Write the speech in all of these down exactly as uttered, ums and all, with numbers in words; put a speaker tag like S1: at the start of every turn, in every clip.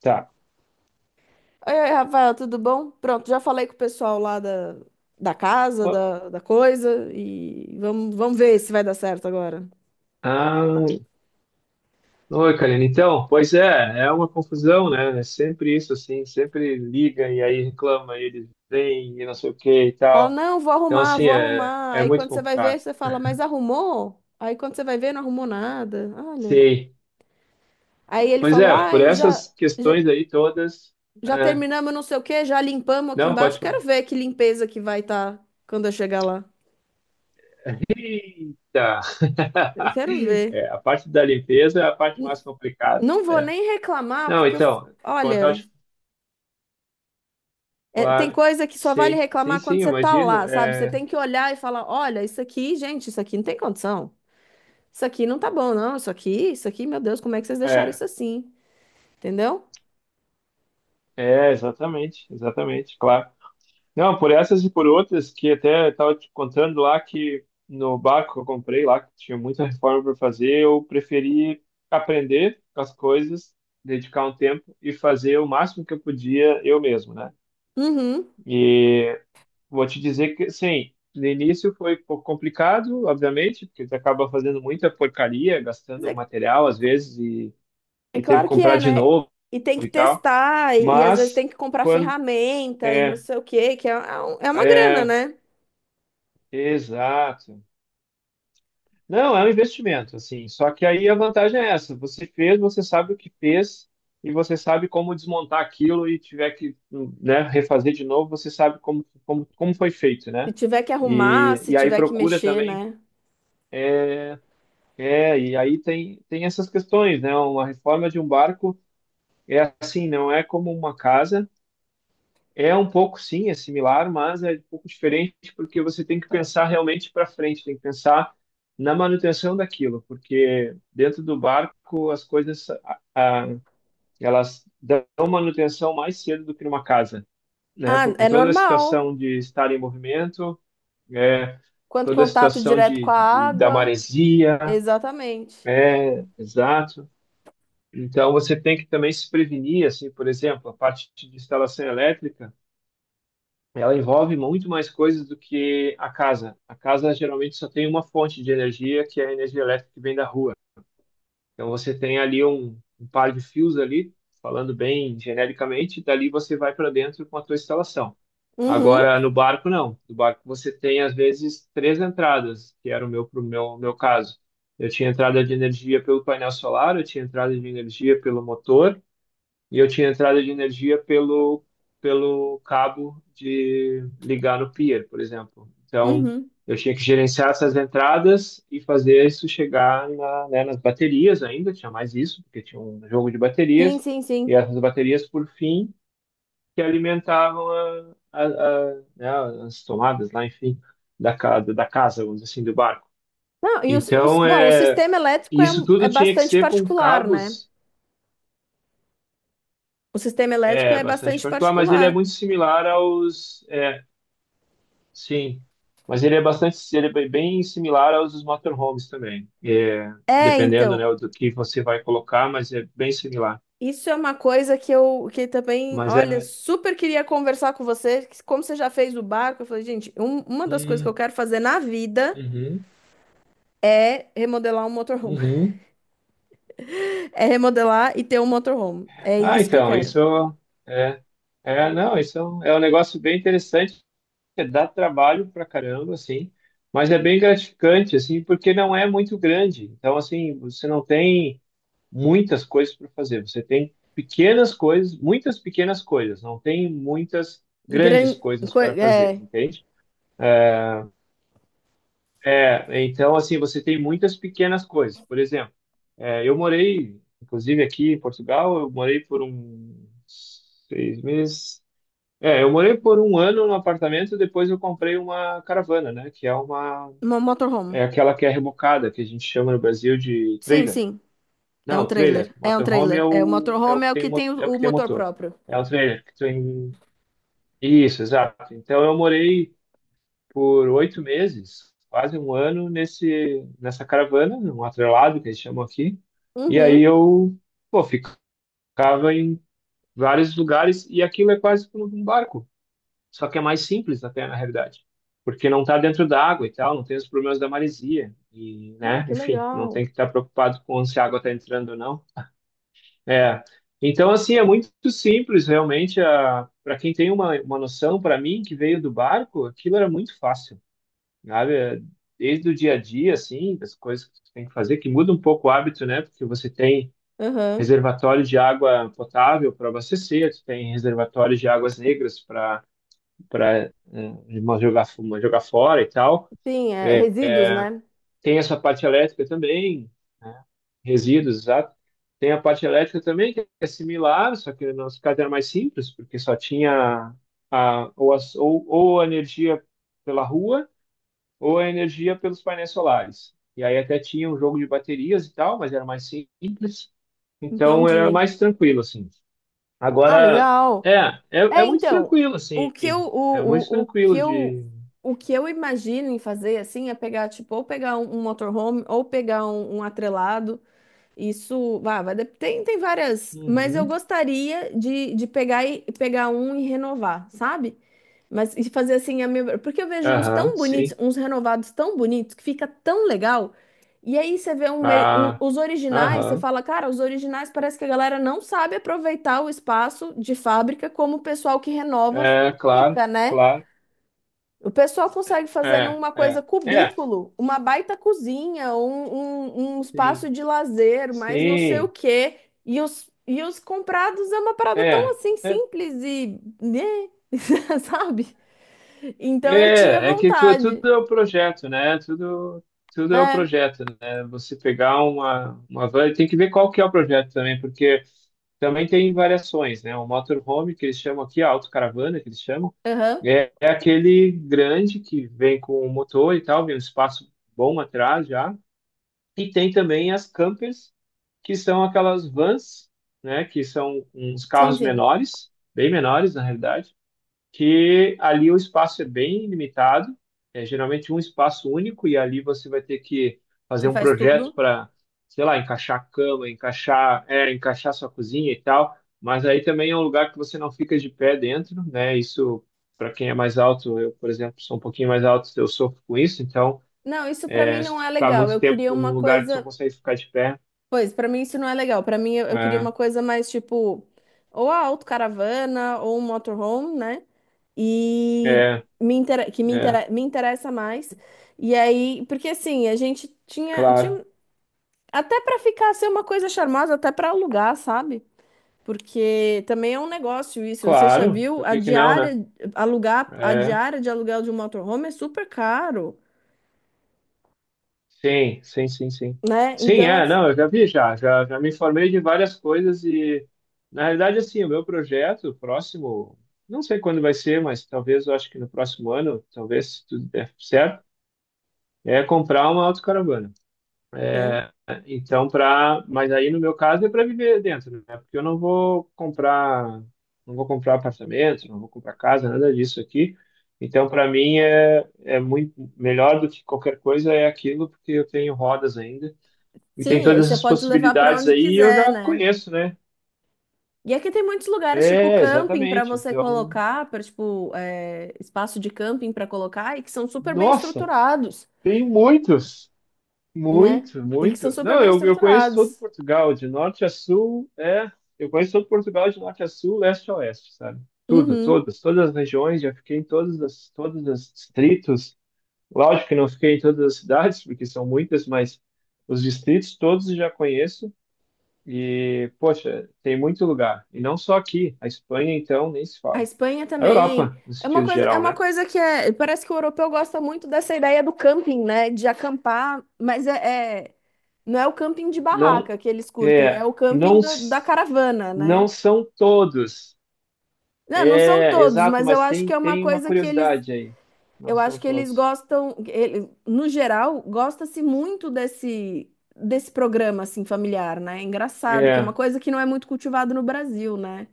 S1: Tá.
S2: Oi, oi, Rafael, tudo bom? Pronto, já falei com o pessoal lá da, da casa, da, da coisa, e vamos, vamos ver se vai dar certo agora.
S1: Ah, oi, Karina. Então, pois é, é uma confusão, né? É sempre isso, assim, sempre liga e aí reclama, e eles vêm e não sei o que e
S2: Fala,
S1: tal.
S2: não, vou
S1: Então,
S2: arrumar,
S1: assim,
S2: vou
S1: é,
S2: arrumar.
S1: é
S2: Aí
S1: muito
S2: quando você vai ver,
S1: complicado.
S2: você fala, mas arrumou? Aí quando você vai ver, não arrumou nada. Olha.
S1: Sei.
S2: Aí ele
S1: Pois
S2: falou,
S1: é, por
S2: ai, já,
S1: essas
S2: já,
S1: questões aí todas.
S2: já
S1: é,
S2: terminamos não sei o quê, já limpamos aqui
S1: não,
S2: embaixo.
S1: pode falar.
S2: Quero ver que limpeza que vai estar quando eu chegar lá.
S1: Eita!
S2: Eu quero ver.
S1: É, a parte da limpeza é a parte mais complicada.
S2: Não vou
S1: é.
S2: nem reclamar,
S1: Não,
S2: porque eu,
S1: então, como eu tava
S2: olha.
S1: te-
S2: É, tem
S1: claro,
S2: coisa que só vale
S1: sim, sim,
S2: reclamar quando
S1: sim,
S2: você tá
S1: imagino.
S2: lá, sabe? Você
S1: É,
S2: tem que olhar e falar: olha, isso aqui, gente, isso aqui não tem condição. Isso aqui não tá bom, não. Isso aqui, isso aqui, meu Deus, como é que vocês deixaram
S1: é.
S2: isso assim? Entendeu?
S1: É, exatamente, exatamente, claro. Não, por essas e por outras que até estava te contando lá que no barco que eu comprei lá, que tinha muita reforma para fazer, eu preferi aprender as coisas, dedicar um tempo e fazer o máximo que eu podia eu mesmo, né?
S2: Uhum.
S1: E vou te dizer que, sim, no início foi um pouco complicado, obviamente, porque você acaba fazendo muita porcaria,
S2: Mas
S1: gastando
S2: é,
S1: material às vezes e,
S2: é
S1: e teve que
S2: claro que
S1: comprar
S2: é,
S1: de
S2: né?
S1: novo
S2: E tem que
S1: e tal,
S2: testar, e, e às vezes
S1: mas
S2: tem que comprar
S1: quando
S2: ferramenta e não
S1: é.
S2: sei o quê, que é, é um- é uma grana,
S1: É,
S2: né?
S1: exato. Não, é um investimento, assim. Só que aí a vantagem é essa: você fez, você sabe o que fez e você sabe como desmontar aquilo e tiver que, né, refazer de novo, você sabe como, como, como foi feito,
S2: Se
S1: né?
S2: tiver que arrumar,
S1: E,
S2: se
S1: e aí
S2: tiver que
S1: procura
S2: mexer,
S1: também.
S2: né?
S1: É, e aí tem, tem essas questões, né? Uma reforma de um barco é assim, não é como uma casa. É um pouco, sim, é similar, mas é um pouco diferente porque você tem que pensar realmente para frente, tem que pensar na manutenção daquilo, porque dentro do barco as coisas a- a- elas dão manutenção mais cedo do que numa casa, né?
S2: Ah,
S1: Por
S2: é
S1: toda a
S2: normal.
S1: situação de estar em movimento, é,
S2: Quanto
S1: toda a
S2: contato
S1: situação
S2: direto
S1: de,
S2: com a
S1: de- de- da
S2: água.
S1: maresia,
S2: Exatamente.
S1: é, exato. Então você tem que também se prevenir, assim, por exemplo, a parte de instalação elétrica. Ela envolve muito mais coisas do que a casa. A casa geralmente só tem uma fonte de energia, que é a energia elétrica que vem da rua. Então você tem ali um, um par de fios ali, falando bem genericamente, e dali você vai para dentro com a tua instalação.
S2: Uhum,
S1: Agora no barco não. No barco você tem às vezes três entradas, que era o meu pro meu meu caso. Eu tinha entrada de energia pelo painel solar, eu tinha entrada de energia pelo motor e eu tinha entrada de energia pelo, pelo cabo de ligar no pier, por exemplo. Então,
S2: uhum.
S1: eu tinha que gerenciar essas entradas e fazer isso chegar na, né, nas baterias ainda, tinha mais isso, porque tinha um jogo de
S2: Sim,
S1: baterias,
S2: sim,
S1: e
S2: sim.
S1: essas baterias, por fim, que alimentavam a, a, a, né, as tomadas lá, enfim, da, ca- da casa, vamos dizer assim, do barco.
S2: Não, e os, os-
S1: Então,
S2: bom, o
S1: é,
S2: sistema elétrico é,
S1: isso
S2: um- é
S1: tudo tinha que
S2: bastante
S1: ser com
S2: particular, né?
S1: cabos.
S2: O sistema elétrico
S1: É,
S2: é
S1: bastante
S2: bastante
S1: particular, mas ele
S2: particular.
S1: é muito similar aos. É, sim. Mas ele é bastante. Ele é bem similar aos dos motorhomes também. É,
S2: É,
S1: dependendo, né,
S2: então,
S1: do que você vai colocar, mas é bem similar.
S2: isso é uma coisa que eu que também,
S1: Mas
S2: olha,
S1: é.
S2: super queria conversar com você, que como você já fez o barco, eu falei, gente, um- uma das coisas que eu
S1: Hum,
S2: quero fazer na vida
S1: uhum,
S2: é remodelar um motorhome.
S1: uhum.
S2: É remodelar e ter um motorhome. É
S1: Ah,
S2: isso que eu
S1: então,
S2: quero.
S1: isso é. É, não, isso é um, é um negócio bem interessante. É, dá trabalho pra caramba, assim. Mas é bem gratificante, assim, porque não é muito grande. Então, assim, você não tem muitas coisas para fazer. Você tem pequenas coisas, muitas pequenas coisas, não tem muitas grandes
S2: Gran,
S1: coisas
S2: co-
S1: para fazer,
S2: é,
S1: entende? É, então, assim, você tem muitas pequenas coisas. Por exemplo, é, eu morei, inclusive aqui em Portugal, eu morei por um seis meses. É, eu morei por um ano no apartamento, depois eu comprei uma caravana, né? Que é uma,
S2: uma motorhome.
S1: é aquela que é rebocada, que a gente chama no Brasil de
S2: Sim,
S1: trailer.
S2: sim. É um
S1: Não, o trailer.
S2: trailer. É um
S1: Motorhome é
S2: trailer. É, o
S1: o, é o
S2: motorhome
S1: que
S2: é o
S1: tem,
S2: que
S1: o mo-
S2: tem
S1: é o
S2: o o
S1: que tem o
S2: motor
S1: motor.
S2: próprio.
S1: É o trailer que tem. Isso, exato. Então eu morei por oito meses, quase um ano, nesse, nessa caravana, num atrelado que eles chamam aqui. E aí
S2: Uhum.
S1: eu, pô, ficava em vários lugares e aquilo é quase como um barco. Só que é mais simples até, na realidade. Porque não está dentro da água e tal, não tem os problemas da maresia. E,
S2: Ah,
S1: né,
S2: que
S1: enfim, não
S2: legal.
S1: tem que estar preocupado com se a água está entrando ou não. É. Então, assim, é muito simples, realmente. A... Para quem tem uma, uma noção, para mim, que veio do barco, aquilo era muito fácil, sabe? É, desde o dia a dia, assim, das coisas que você tem que fazer, que muda um pouco o hábito, né? Porque você tem
S2: Uhum.
S1: reservatório de água potável para abastecer, tu tem reservatório de águas negras para para jogar, fu- jogar fora e tal.
S2: Sim, é
S1: É,
S2: resíduos, né?
S1: tem essa parte elétrica também, né? Resíduos, exato. Tem a parte elétrica também, que é similar, só que no nosso caso era mais simples, porque só tinha a, ou, as- ou, ou a energia pela rua, ou a energia pelos painéis solares. E aí até tinha um jogo de baterias e tal, mas era mais simples. Então era
S2: Entendi.
S1: mais tranquilo, assim.
S2: Ah,
S1: Agora, é,
S2: legal.
S1: é, é
S2: É,
S1: muito
S2: então,
S1: tranquilo,
S2: o
S1: assim.
S2: que eu,
S1: É muito
S2: o, o, o que
S1: tranquilo
S2: eu,
S1: de.
S2: o que eu imagino em fazer, assim, é pegar, tipo, ou pegar um, um motorhome, ou pegar um, um atrelado. Isso, vá, vai, dep- tem, tem várias, mas eu
S1: Uhum.
S2: gostaria de, de pegar, e, pegar um e renovar, sabe? Mas e fazer assim, a minha... porque eu vejo uns
S1: Aham,
S2: tão bonitos,
S1: sim.
S2: uns renovados tão bonitos, que fica tão legal. E aí você vê um meio, um-
S1: Ah,
S2: os originais, você
S1: aham.
S2: fala, cara, os originais parece que a galera não sabe aproveitar o espaço de fábrica como o pessoal que renova
S1: É, claro,
S2: fica, né?
S1: claro.
S2: O pessoal consegue fazer
S1: É,
S2: numa coisa
S1: é, é,
S2: cubículo, uma baita cozinha, um, um, um espaço
S1: sim,
S2: de lazer, mas não sei o
S1: sim,
S2: quê. E os, e os comprados é uma parada tão
S1: é,
S2: assim
S1: é,
S2: simples e, né? Sabe? Então eu tinha
S1: é, é que tu,
S2: vontade.
S1: tudo é o projeto, né? Tudo, tudo é o
S2: É,
S1: projeto, né? Você pegar uma, uma van, tem que ver qual que é o projeto também, porque também tem variações, né? O motorhome, que eles chamam aqui, a autocaravana, que eles chamam,
S2: aham.
S1: é, é aquele grande que vem com o motor e tal, vem um espaço bom atrás já. E tem também as campers, que são aquelas vans, né, que são uns
S2: Sim,
S1: carros
S2: sim.
S1: menores, bem menores na realidade, que ali o espaço é bem limitado, é geralmente um espaço único e ali você vai ter que fazer
S2: Você
S1: um
S2: faz
S1: projeto
S2: tudo?
S1: para, sei lá, encaixar a cama, encaixar, é, encaixar sua cozinha e tal, mas aí também é um lugar que você não fica de pé dentro, né? Isso para quem é mais alto, eu, por exemplo, sou um pouquinho mais alto, eu sofro com isso, então
S2: Não, isso pra mim
S1: se
S2: não
S1: tu
S2: é
S1: ficar
S2: legal.
S1: muito
S2: Eu
S1: tempo
S2: queria uma
S1: num lugar que tu não
S2: coisa.
S1: consegue ficar de pé,
S2: Pois, pra mim isso não é legal. Pra mim eu, eu queria
S1: é,
S2: uma coisa mais tipo, ou a autocaravana ou um motorhome, né? E
S1: é,
S2: me intera, que me,
S1: é,
S2: intera, me interessa mais. E aí, porque assim, a gente tinha, tinha...
S1: claro,
S2: até pra ficar ser uma coisa charmosa, até pra alugar, sabe? Porque também é um negócio isso. Você já
S1: claro,
S2: viu?
S1: por
S2: A
S1: que que não, né?
S2: diária, alugar, a
S1: É,
S2: diária de aluguel de um motorhome é super caro,
S1: sim, sim, sim, sim.
S2: né?
S1: Sim,
S2: Então,
S1: é,
S2: assim,
S1: não, eu já vi, já, já, já me informei de várias coisas e, na realidade, assim, o meu projeto próximo, não sei quando vai ser, mas talvez, eu acho que no próximo ano, talvez, se tudo der certo, é comprar uma autocaravana.
S2: né?
S1: Então, para, mas aí no meu caso é para viver dentro, né? Porque eu não vou comprar, não vou comprar apartamento, não vou comprar casa, nada disso aqui. Então, para mim é é muito melhor do que qualquer coisa é aquilo, porque eu tenho rodas ainda e tem
S2: Sim, aí
S1: todas
S2: você
S1: as
S2: pode levar para
S1: possibilidades
S2: onde
S1: aí, e eu
S2: quiser,
S1: já
S2: né?
S1: conheço, né?
S2: E aqui tem muitos lugares, tipo
S1: É,
S2: camping, para
S1: exatamente.
S2: você
S1: Então,
S2: colocar, para tipo, é, espaço de camping para colocar, e que são super bem
S1: nossa,
S2: estruturados,
S1: tem muitos.
S2: né?
S1: Muito,
S2: E que são
S1: muito.
S2: super
S1: Não,
S2: bem
S1: eu, eu conheço todo
S2: estruturados.
S1: Portugal, de norte a sul, é. Eu conheço todo Portugal, de norte a sul, leste a oeste, sabe? Tudo,
S2: Uhum.
S1: todas, todas as regiões, já fiquei em todas as, todos os distritos. Lógico que não fiquei em todas as cidades, porque são muitas, mas os distritos todos eu já conheço. E, poxa, tem muito lugar. E não só aqui, a Espanha, então, nem se
S2: A
S1: fala.
S2: Espanha
S1: A
S2: também.
S1: Europa, no
S2: É uma
S1: sentido
S2: coisa, é
S1: geral,
S2: uma
S1: né?
S2: coisa que é, parece que o europeu gosta muito dessa ideia do camping, né? De acampar, mas é, é- não é o camping de
S1: Não,
S2: barraca que eles curtem, é
S1: é,
S2: o
S1: não,
S2: camping da da
S1: s-
S2: caravana, né?
S1: não são todos.
S2: Não, não são
S1: É,
S2: todos,
S1: exato,
S2: mas eu
S1: mas
S2: acho
S1: tem,
S2: que é uma
S1: tem uma
S2: coisa que eles,
S1: curiosidade aí. Não
S2: eu
S1: são
S2: acho que eles
S1: todos.
S2: gostam, ele- no geral, gosta-se muito desse desse programa assim familiar, né? É engraçado, que é uma
S1: É,
S2: coisa que não é muito cultivado no Brasil, né?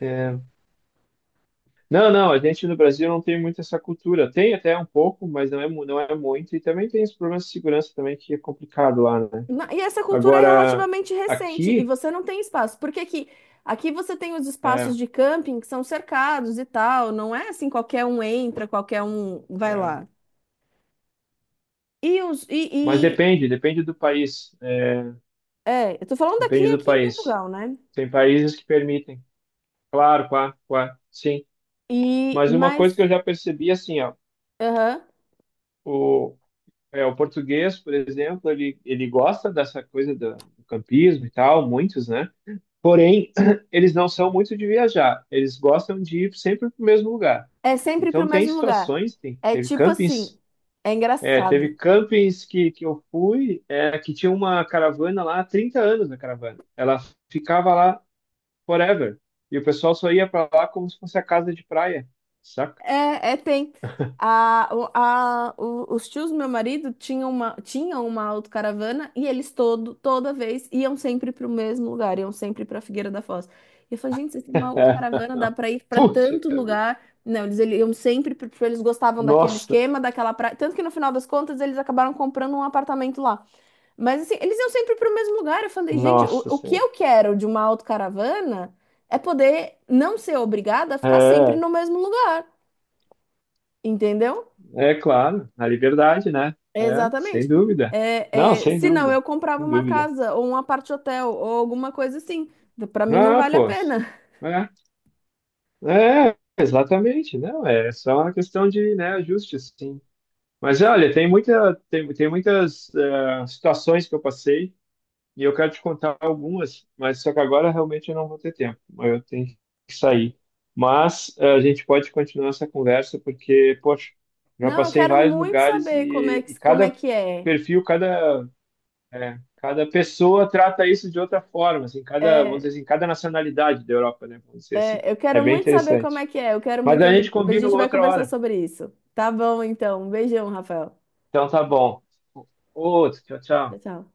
S1: é. Não, não, a gente no Brasil não tem muito essa cultura. Tem até um pouco, mas não é, mu- não é muito. E também tem os problemas de segurança também, que é complicado lá, né?
S2: Na- E essa cultura é
S1: Agora,
S2: relativamente recente e
S1: aqui,
S2: você não tem espaço. Porque aqui, aqui você tem os espaços
S1: é,
S2: de camping que são cercados e tal. Não é assim, qualquer um entra, qualquer um vai
S1: é.
S2: lá. E os e,
S1: Mas
S2: e-
S1: depende, depende do país. É,
S2: é, eu tô falando daqui
S1: depende do
S2: aqui em
S1: país.
S2: Portugal, né?
S1: Tem países que permitem. Claro, claro, claro, sim.
S2: E
S1: Mas uma
S2: mas
S1: coisa que eu já percebi, assim,
S2: aham,
S1: ó, é, o português, por exemplo, ele, ele gosta dessa coisa do, do, campismo e tal, muitos, né? Porém, eles não são muito de viajar, eles gostam de ir sempre para o mesmo lugar.
S2: é sempre
S1: Então,
S2: pro
S1: tem
S2: mesmo lugar.
S1: situações, tem,
S2: É
S1: teve
S2: tipo assim,
S1: campings,
S2: é
S1: é, teve
S2: engraçado.
S1: campings que, que eu fui, é, que tinha uma caravana lá há trinta anos na caravana. Ela ficava lá forever. E o pessoal só ia para lá como se fosse a casa de praia, saca?
S2: É, é, tem. A, o- a, o- os tios do meu marido tinham uma, tinham uma autocaravana e eles todo, toda vez iam sempre para o mesmo lugar, iam sempre para Figueira da Foz. E eu falei, gente, vocês têm uma autocaravana, dá para ir para
S1: Puxa
S2: tanto
S1: vida.
S2: lugar. Não, eles ele- iam sempre, porque eles gostavam daquele
S1: Nossa,
S2: esquema, daquela praia. Tanto que no final das contas eles acabaram comprando um apartamento lá. Mas assim, eles iam sempre para o mesmo lugar. Eu falei, gente, o,
S1: nossa
S2: o que
S1: senhora.
S2: eu quero de uma autocaravana é poder não ser obrigada a ficar sempre
S1: É,
S2: no mesmo lugar. Entendeu?
S1: é claro, a liberdade, né? É, sem
S2: Exatamente.
S1: dúvida. Não,
S2: É, é,
S1: sem
S2: se não, eu
S1: dúvida,
S2: comprava
S1: sem
S2: uma
S1: dúvida.
S2: casa ou um apart hotel ou alguma coisa assim. Pra mim não
S1: Ah,
S2: vale a
S1: pô,
S2: pena.
S1: é, é, exatamente, não, é só uma questão de, né, ajuste, sim. Mas
S2: Sim.
S1: olha, tem muita, tem, tem muitas eh, situações que eu passei. E eu quero te contar algumas, mas só que agora realmente eu não vou ter tempo. Eu tenho que sair. Mas eh, a gente pode continuar essa conversa porque, poxa, já
S2: Não, eu
S1: passei em
S2: quero
S1: vários
S2: muito
S1: lugares
S2: saber como é
S1: e, e
S2: que, como é
S1: cada
S2: que é.
S1: perfil, cada, eh, cada pessoa trata isso de outra forma, assim, cada, vamos dizer
S2: É,
S1: assim, cada nacionalidade da Europa, né? Vamos dizer assim.
S2: é, Eu
S1: É
S2: quero
S1: bem
S2: muito saber como
S1: interessante.
S2: é que é. Eu quero
S1: Mas
S2: muito.
S1: a gente
S2: A
S1: combina
S2: gente vai
S1: outra
S2: conversar
S1: hora.
S2: sobre isso. Tá bom, então. Um beijão, Rafael.
S1: Então tá bom. Outro, tchau,
S2: Tchau,
S1: tchau.
S2: tchau.